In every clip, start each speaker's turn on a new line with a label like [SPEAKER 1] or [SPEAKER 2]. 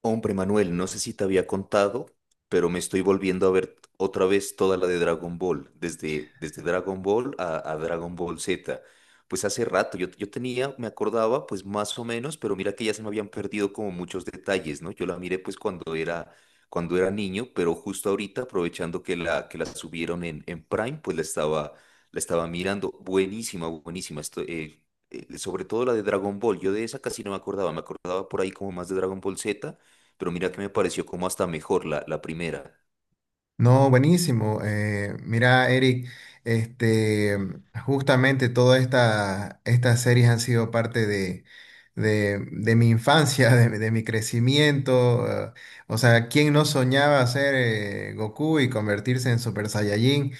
[SPEAKER 1] Hombre, Manuel, no sé si te había contado, pero me estoy volviendo a ver otra vez toda la de Dragon Ball, desde Dragon Ball a Dragon Ball Z. Pues hace rato, yo tenía, me acordaba, pues más o menos, pero mira que ya se me habían perdido como muchos detalles, ¿no? Yo la miré pues cuando era niño, pero justo ahorita, aprovechando que la subieron en Prime, pues la estaba mirando. Buenísima, buenísima. Esto, sobre todo la de Dragon Ball, yo de esa casi no me acordaba, me acordaba por ahí como más de Dragon Ball Z, pero mira que me pareció como hasta mejor la primera.
[SPEAKER 2] No, buenísimo. Mira, Eric, este, justamente todas estas series han sido parte de mi infancia, de mi crecimiento. ¿Quién no soñaba ser Goku y convertirse en Super Saiyajin?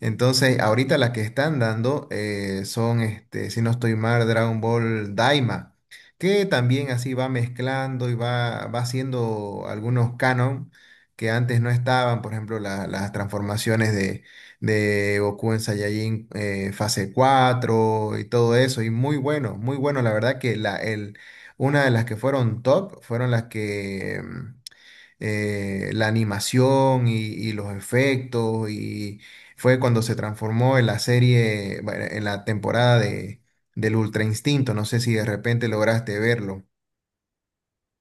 [SPEAKER 2] Entonces, ahorita las que están dando son, si no estoy mal, Dragon Ball Daima, que también así va mezclando y va haciendo algunos canon que antes no estaban, por ejemplo, las transformaciones de Goku en Saiyajin fase 4 y todo eso, y muy bueno, muy bueno, la verdad que una de las que fueron top fueron las que la animación y los efectos, y fue cuando se transformó en la serie, bueno, en la temporada del Ultra Instinto, no sé si de repente lograste verlo.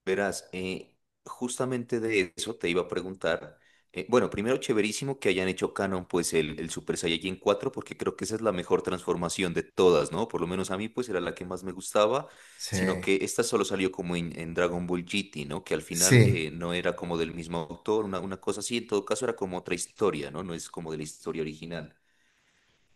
[SPEAKER 1] Verás, justamente de eso te iba a preguntar. Bueno, primero, chéverísimo que hayan hecho canon pues el Super Saiyajin cuatro, porque creo que esa es la mejor transformación de todas, ¿no? Por lo menos a mí pues era la que más me gustaba,
[SPEAKER 2] Sí,
[SPEAKER 1] sino que esta solo salió como en Dragon Ball GT, ¿no? Que al final
[SPEAKER 2] sí,
[SPEAKER 1] no era como del mismo autor, una cosa así. En todo caso era como otra historia, ¿no? No es como de la historia original.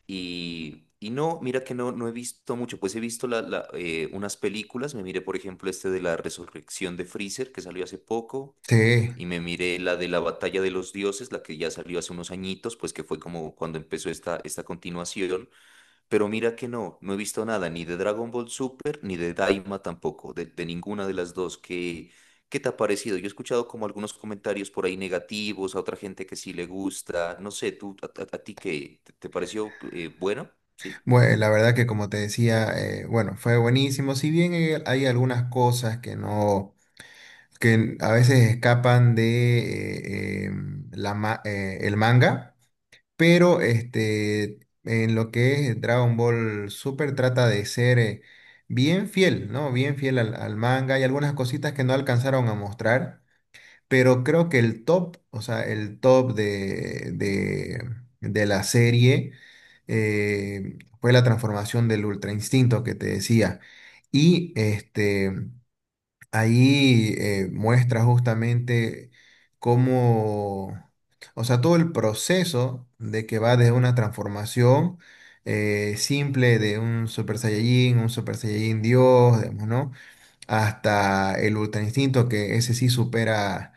[SPEAKER 1] Y no, mira que no, no he visto mucho, pues he visto unas películas, me miré por ejemplo este de la resurrección de Freezer que salió hace poco,
[SPEAKER 2] sí.
[SPEAKER 1] y me miré la de la batalla de los dioses, la que ya salió hace unos añitos, pues que fue como cuando empezó esta continuación, pero mira que no, no he visto nada ni de Dragon Ball Super ni de Daima tampoco, de ninguna de las dos. ¿Qué te ha parecido? Yo he escuchado como algunos comentarios por ahí negativos, a otra gente que sí le gusta. No sé, ¿tú a ti qué? ¿Te pareció bueno? Sí,
[SPEAKER 2] Bueno, la verdad que como te decía, bueno, fue buenísimo. Si bien hay algunas cosas que no, que a veces escapan de el manga, pero en lo que es Dragon Ball Super trata de ser bien fiel, ¿no? Bien fiel al manga. Hay algunas cositas que no alcanzaron a mostrar. Pero creo que el top, o sea, el top de la serie fue la transformación del Ultra Instinto que te decía. Y ahí muestra justamente cómo, o sea, todo el proceso de que va desde una transformación simple de un Super Saiyajin Dios, digamos, ¿no? Hasta el Ultra Instinto, que ese sí supera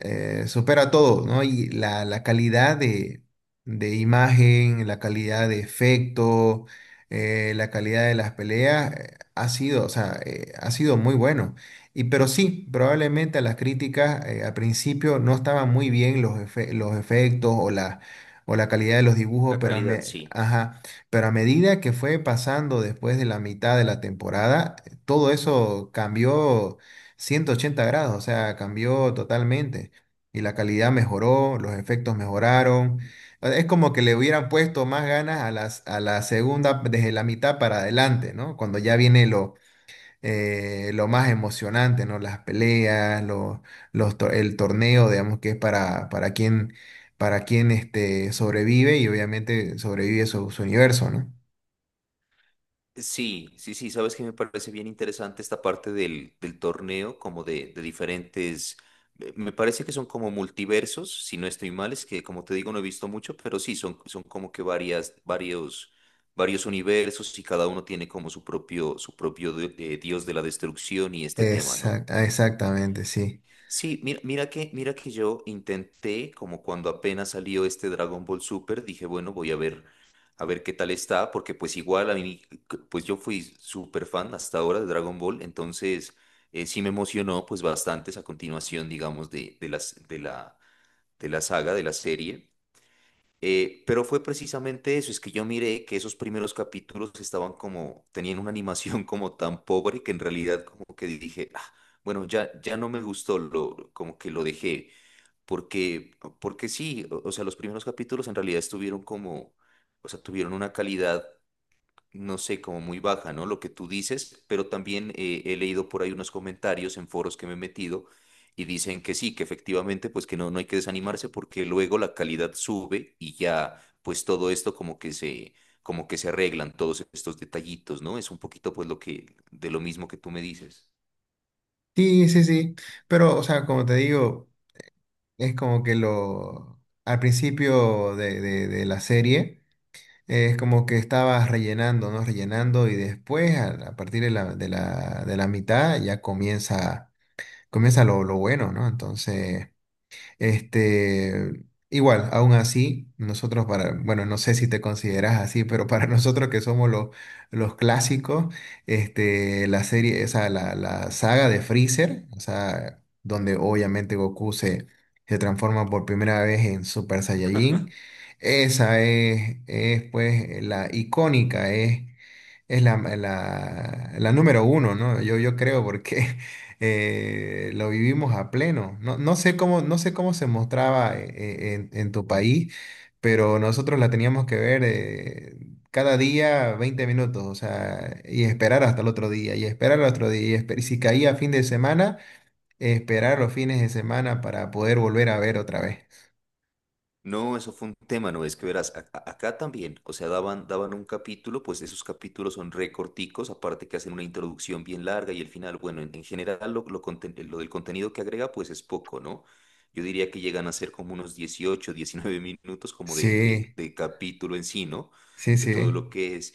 [SPEAKER 2] supera todo, ¿no? Y la calidad de imagen, la calidad de efecto, la calidad de las peleas ha sido, o sea, ha sido muy bueno. Y pero sí, probablemente a las críticas al principio no estaban muy bien los efectos o o la calidad de los dibujos,
[SPEAKER 1] la
[SPEAKER 2] pero
[SPEAKER 1] calidad, sí.
[SPEAKER 2] ajá, pero a medida que fue pasando después de la mitad de la temporada, todo eso cambió 180 grados, o sea, cambió totalmente y la calidad mejoró, los efectos mejoraron. Es como que le hubieran puesto más ganas a a la segunda, desde la mitad para adelante, ¿no? Cuando ya viene lo más emocionante, ¿no? Las peleas, el torneo, digamos, que es para, para quien sobrevive y obviamente sobrevive su universo, ¿no?
[SPEAKER 1] Sí, sí, sí, sabes que me parece bien interesante esta parte del torneo, como de diferentes, me parece que son como multiversos, si no estoy mal. Es que como te digo no he visto mucho, pero sí, son como que varios universos, y cada uno tiene como su propio de dios de la destrucción y este tema, ¿no?
[SPEAKER 2] Exactamente, sí.
[SPEAKER 1] Sí, mira, mira que yo intenté, como cuando apenas salió este Dragon Ball Super, dije, bueno, voy a ver qué tal está, porque pues igual a mí, pues yo fui súper fan hasta ahora de Dragon Ball, entonces sí me emocionó pues bastante esa continuación, digamos, de la saga, de la serie. Pero fue precisamente eso. Es que yo miré que esos primeros capítulos estaban como, tenían una animación como tan pobre, que en realidad como que dije, "Ah, bueno, ya, ya no me gustó", lo, como que lo dejé, porque, porque sí. O o sea, los primeros capítulos en realidad estuvieron como, o sea, tuvieron una calidad, no sé, como muy baja, ¿no? Lo que tú dices, pero también he leído por ahí unos comentarios en foros que me he metido, y dicen que sí, que efectivamente, pues que no, no hay que desanimarse porque luego la calidad sube, y ya, pues todo esto como que se, arreglan todos estos detallitos, ¿no? Es un poquito pues lo que, de lo mismo que tú me dices.
[SPEAKER 2] Sí, sí, sí. Pero, o sea, como te digo. Es como que lo, al principio de la serie, es como que estabas rellenando, ¿no? Rellenando y después, a partir de la mitad, ya comienza, comienza lo bueno, ¿no? Entonces... Este, igual, aún así, nosotros para, bueno, no sé si te consideras así, pero para nosotros que somos los clásicos, la serie, o sea, la saga de Freezer, o sea, donde obviamente se transforma por primera vez en Super Saiyajin, esa es pues la icónica, es. Es la número uno, ¿no? Yo creo porque lo vivimos a pleno. No, no sé cómo, no sé cómo se mostraba en tu país, pero nosotros la teníamos que ver cada día 20 minutos, o sea, y esperar hasta el otro día, y esperar al otro día, y si caía fin de semana, esperar los fines de semana para poder volver a ver otra vez.
[SPEAKER 1] No, eso fue un tema. No es que verás, acá también. O sea, daban un capítulo, pues esos capítulos son recorticos, aparte que hacen una introducción bien larga y el final. Bueno, en general lo del contenido que agrega, pues es poco, ¿no? Yo diría que llegan a ser como unos 18, 19 minutos como de, de,
[SPEAKER 2] Sí,
[SPEAKER 1] de capítulo en sí, ¿no?
[SPEAKER 2] sí,
[SPEAKER 1] De todo
[SPEAKER 2] sí,
[SPEAKER 1] lo que es.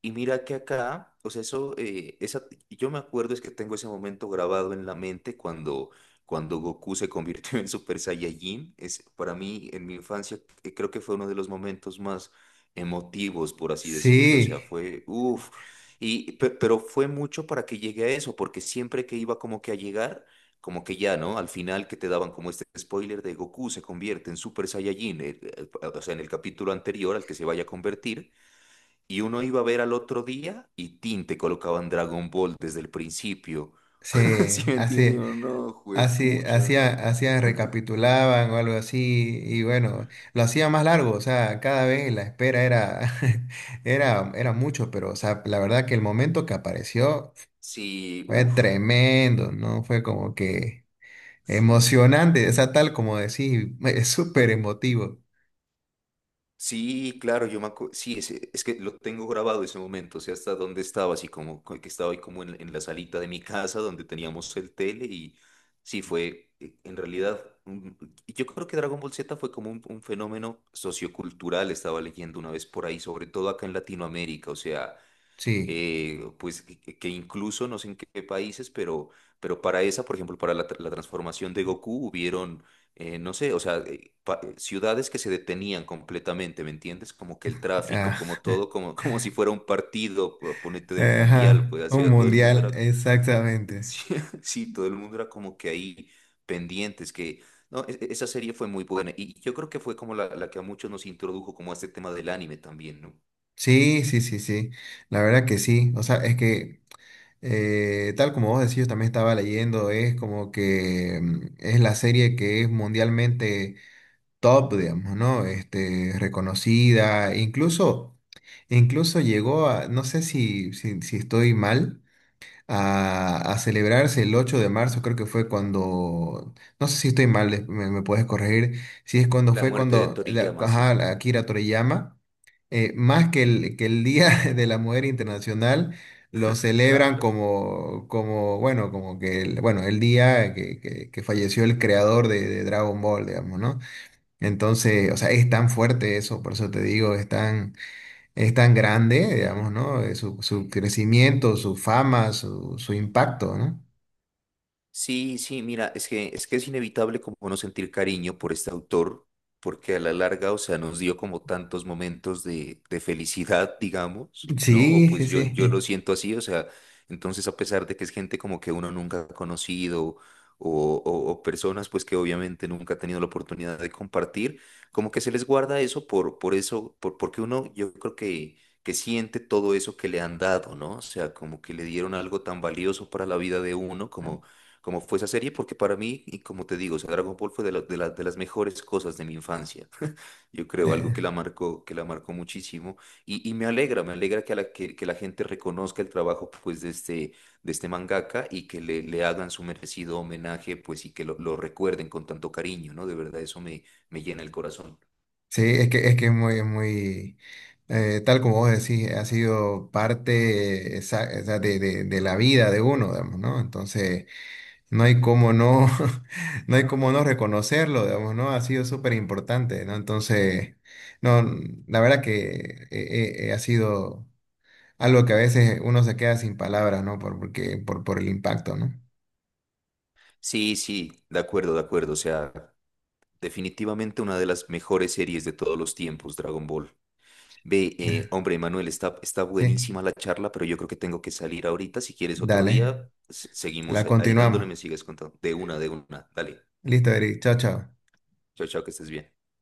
[SPEAKER 1] Y mira que acá, o sea, eso, esa, yo me acuerdo es que tengo ese momento grabado en la mente, cuando Goku se convirtió en Super Saiyajin. Es, para mí, en mi infancia, creo que fue uno de los momentos más emotivos, por así decirlo. O sea,
[SPEAKER 2] sí,
[SPEAKER 1] fue, uff, y, pero fue mucho para que llegue a eso, porque siempre que iba como que a llegar, como que ya, ¿no? Al final que te daban como este spoiler de Goku se convierte en Super Saiyajin, o sea, en el capítulo anterior al que se vaya a convertir. Y uno iba a ver al otro día y tin, te colocaban Dragon Ball desde el principio.
[SPEAKER 2] sí,
[SPEAKER 1] ¿Sí me entiendes?
[SPEAKER 2] así.
[SPEAKER 1] ¿O no?
[SPEAKER 2] Así,
[SPEAKER 1] Juepucha. No.
[SPEAKER 2] hacía, recapitulaban o algo así, y bueno, lo hacía más largo, o sea, cada vez la espera era, era mucho, pero o sea, la verdad que el momento que apareció
[SPEAKER 1] Sí,
[SPEAKER 2] fue
[SPEAKER 1] uff,
[SPEAKER 2] tremendo, ¿no? Fue como que
[SPEAKER 1] sí, claro.
[SPEAKER 2] emocionante, o sea, tal como decís, es súper emotivo.
[SPEAKER 1] Sí, claro, yo me acuerdo. Sí, es que lo tengo grabado ese momento, o sea, hasta donde estaba, así como que estaba ahí como en la salita de mi casa, donde teníamos el tele, y sí, fue en realidad, yo creo que Dragon Ball Z fue como un fenómeno sociocultural. Estaba leyendo una vez por ahí, sobre todo acá en Latinoamérica, o sea,
[SPEAKER 2] Sí,
[SPEAKER 1] pues que incluso no sé en qué países, pero, para esa, por ejemplo, para la transformación de Goku hubieron, no sé, o sea, ciudades que se detenían completamente, ¿me entiendes? Como que el
[SPEAKER 2] ah,
[SPEAKER 1] tráfico, como todo, como, como si fuera un partido, ponete del mundial,
[SPEAKER 2] ajá,
[SPEAKER 1] pues así,
[SPEAKER 2] un
[SPEAKER 1] todo el mundo
[SPEAKER 2] mundial,
[SPEAKER 1] era,
[SPEAKER 2] exactamente.
[SPEAKER 1] sí, sí, todo el mundo era como que ahí pendientes, que... No, esa serie fue muy buena, y yo creo que fue como la que a muchos nos introdujo como a este tema del anime también, ¿no?
[SPEAKER 2] Sí, sí, sí, sí, la verdad que sí, o sea, es que tal como vos decís, yo también estaba leyendo, es como que es la serie que es mundialmente top, digamos, ¿no? Reconocida, incluso, incluso llegó a, no sé si estoy mal, a celebrarse el 8 de marzo, creo que fue cuando, no sé si estoy mal, me puedes corregir, si es cuando
[SPEAKER 1] La
[SPEAKER 2] fue
[SPEAKER 1] muerte de
[SPEAKER 2] cuando
[SPEAKER 1] Toriyama,
[SPEAKER 2] ajá,
[SPEAKER 1] sí,
[SPEAKER 2] la Akira Toriyama, más que que el Día de la Mujer Internacional, lo celebran
[SPEAKER 1] claro.
[SPEAKER 2] como, como bueno, como que, el, bueno, el día que falleció el creador de Dragon Ball, digamos, ¿no? Entonces, o sea, es tan fuerte eso, por eso te digo, es tan grande, digamos, ¿no? Su crecimiento, su fama, su impacto, ¿no?
[SPEAKER 1] Sí, sí, mira, es que es inevitable como no sentir cariño por este autor, porque a la larga, o sea, nos dio como tantos momentos de felicidad, digamos, ¿no? O
[SPEAKER 2] Sí,
[SPEAKER 1] pues
[SPEAKER 2] sí,
[SPEAKER 1] yo lo
[SPEAKER 2] sí.
[SPEAKER 1] siento así. O sea, entonces a pesar de que es gente como que uno nunca ha conocido, o personas pues que obviamente nunca ha tenido la oportunidad de compartir, como que se les guarda eso por, eso, porque uno yo creo que siente todo eso que le han dado, ¿no? O sea, como que le dieron algo tan valioso para la vida de uno, como fue esa serie, porque para mí, y como te digo, o sea, Dragon Ball fue de las mejores cosas de mi infancia. Yo creo algo
[SPEAKER 2] Eh,
[SPEAKER 1] que la marcó muchísimo. Y me alegra que la gente reconozca el trabajo pues, de este, mangaka, y que le hagan su merecido homenaje pues, y que lo recuerden con tanto cariño, ¿no? De verdad, eso me llena el corazón.
[SPEAKER 2] sí, es muy, muy, tal como vos decís, ha sido parte esa de la vida de uno, digamos, ¿no? Entonces, no hay cómo no, no hay cómo no reconocerlo, digamos, ¿no? Ha sido súper importante, ¿no? Entonces, no, la verdad que ha sido. Algo que a veces uno se queda sin palabras, ¿no? Por el impacto, ¿no?
[SPEAKER 1] Sí, sí, de acuerdo, de acuerdo. O sea, definitivamente una de las mejores series de todos los tiempos, Dragon Ball. Ve,
[SPEAKER 2] Ya,
[SPEAKER 1] hombre, Manuel, está
[SPEAKER 2] sí,
[SPEAKER 1] buenísima la charla, pero yo creo que tengo que salir ahorita. Si quieres otro día,
[SPEAKER 2] dale,
[SPEAKER 1] seguimos
[SPEAKER 2] la
[SPEAKER 1] ahí dándole,
[SPEAKER 2] continuamos.
[SPEAKER 1] me sigues contando. De una, de una. Dale.
[SPEAKER 2] Listo, Eric, chao, chao.
[SPEAKER 1] Chao, chao, que estés bien.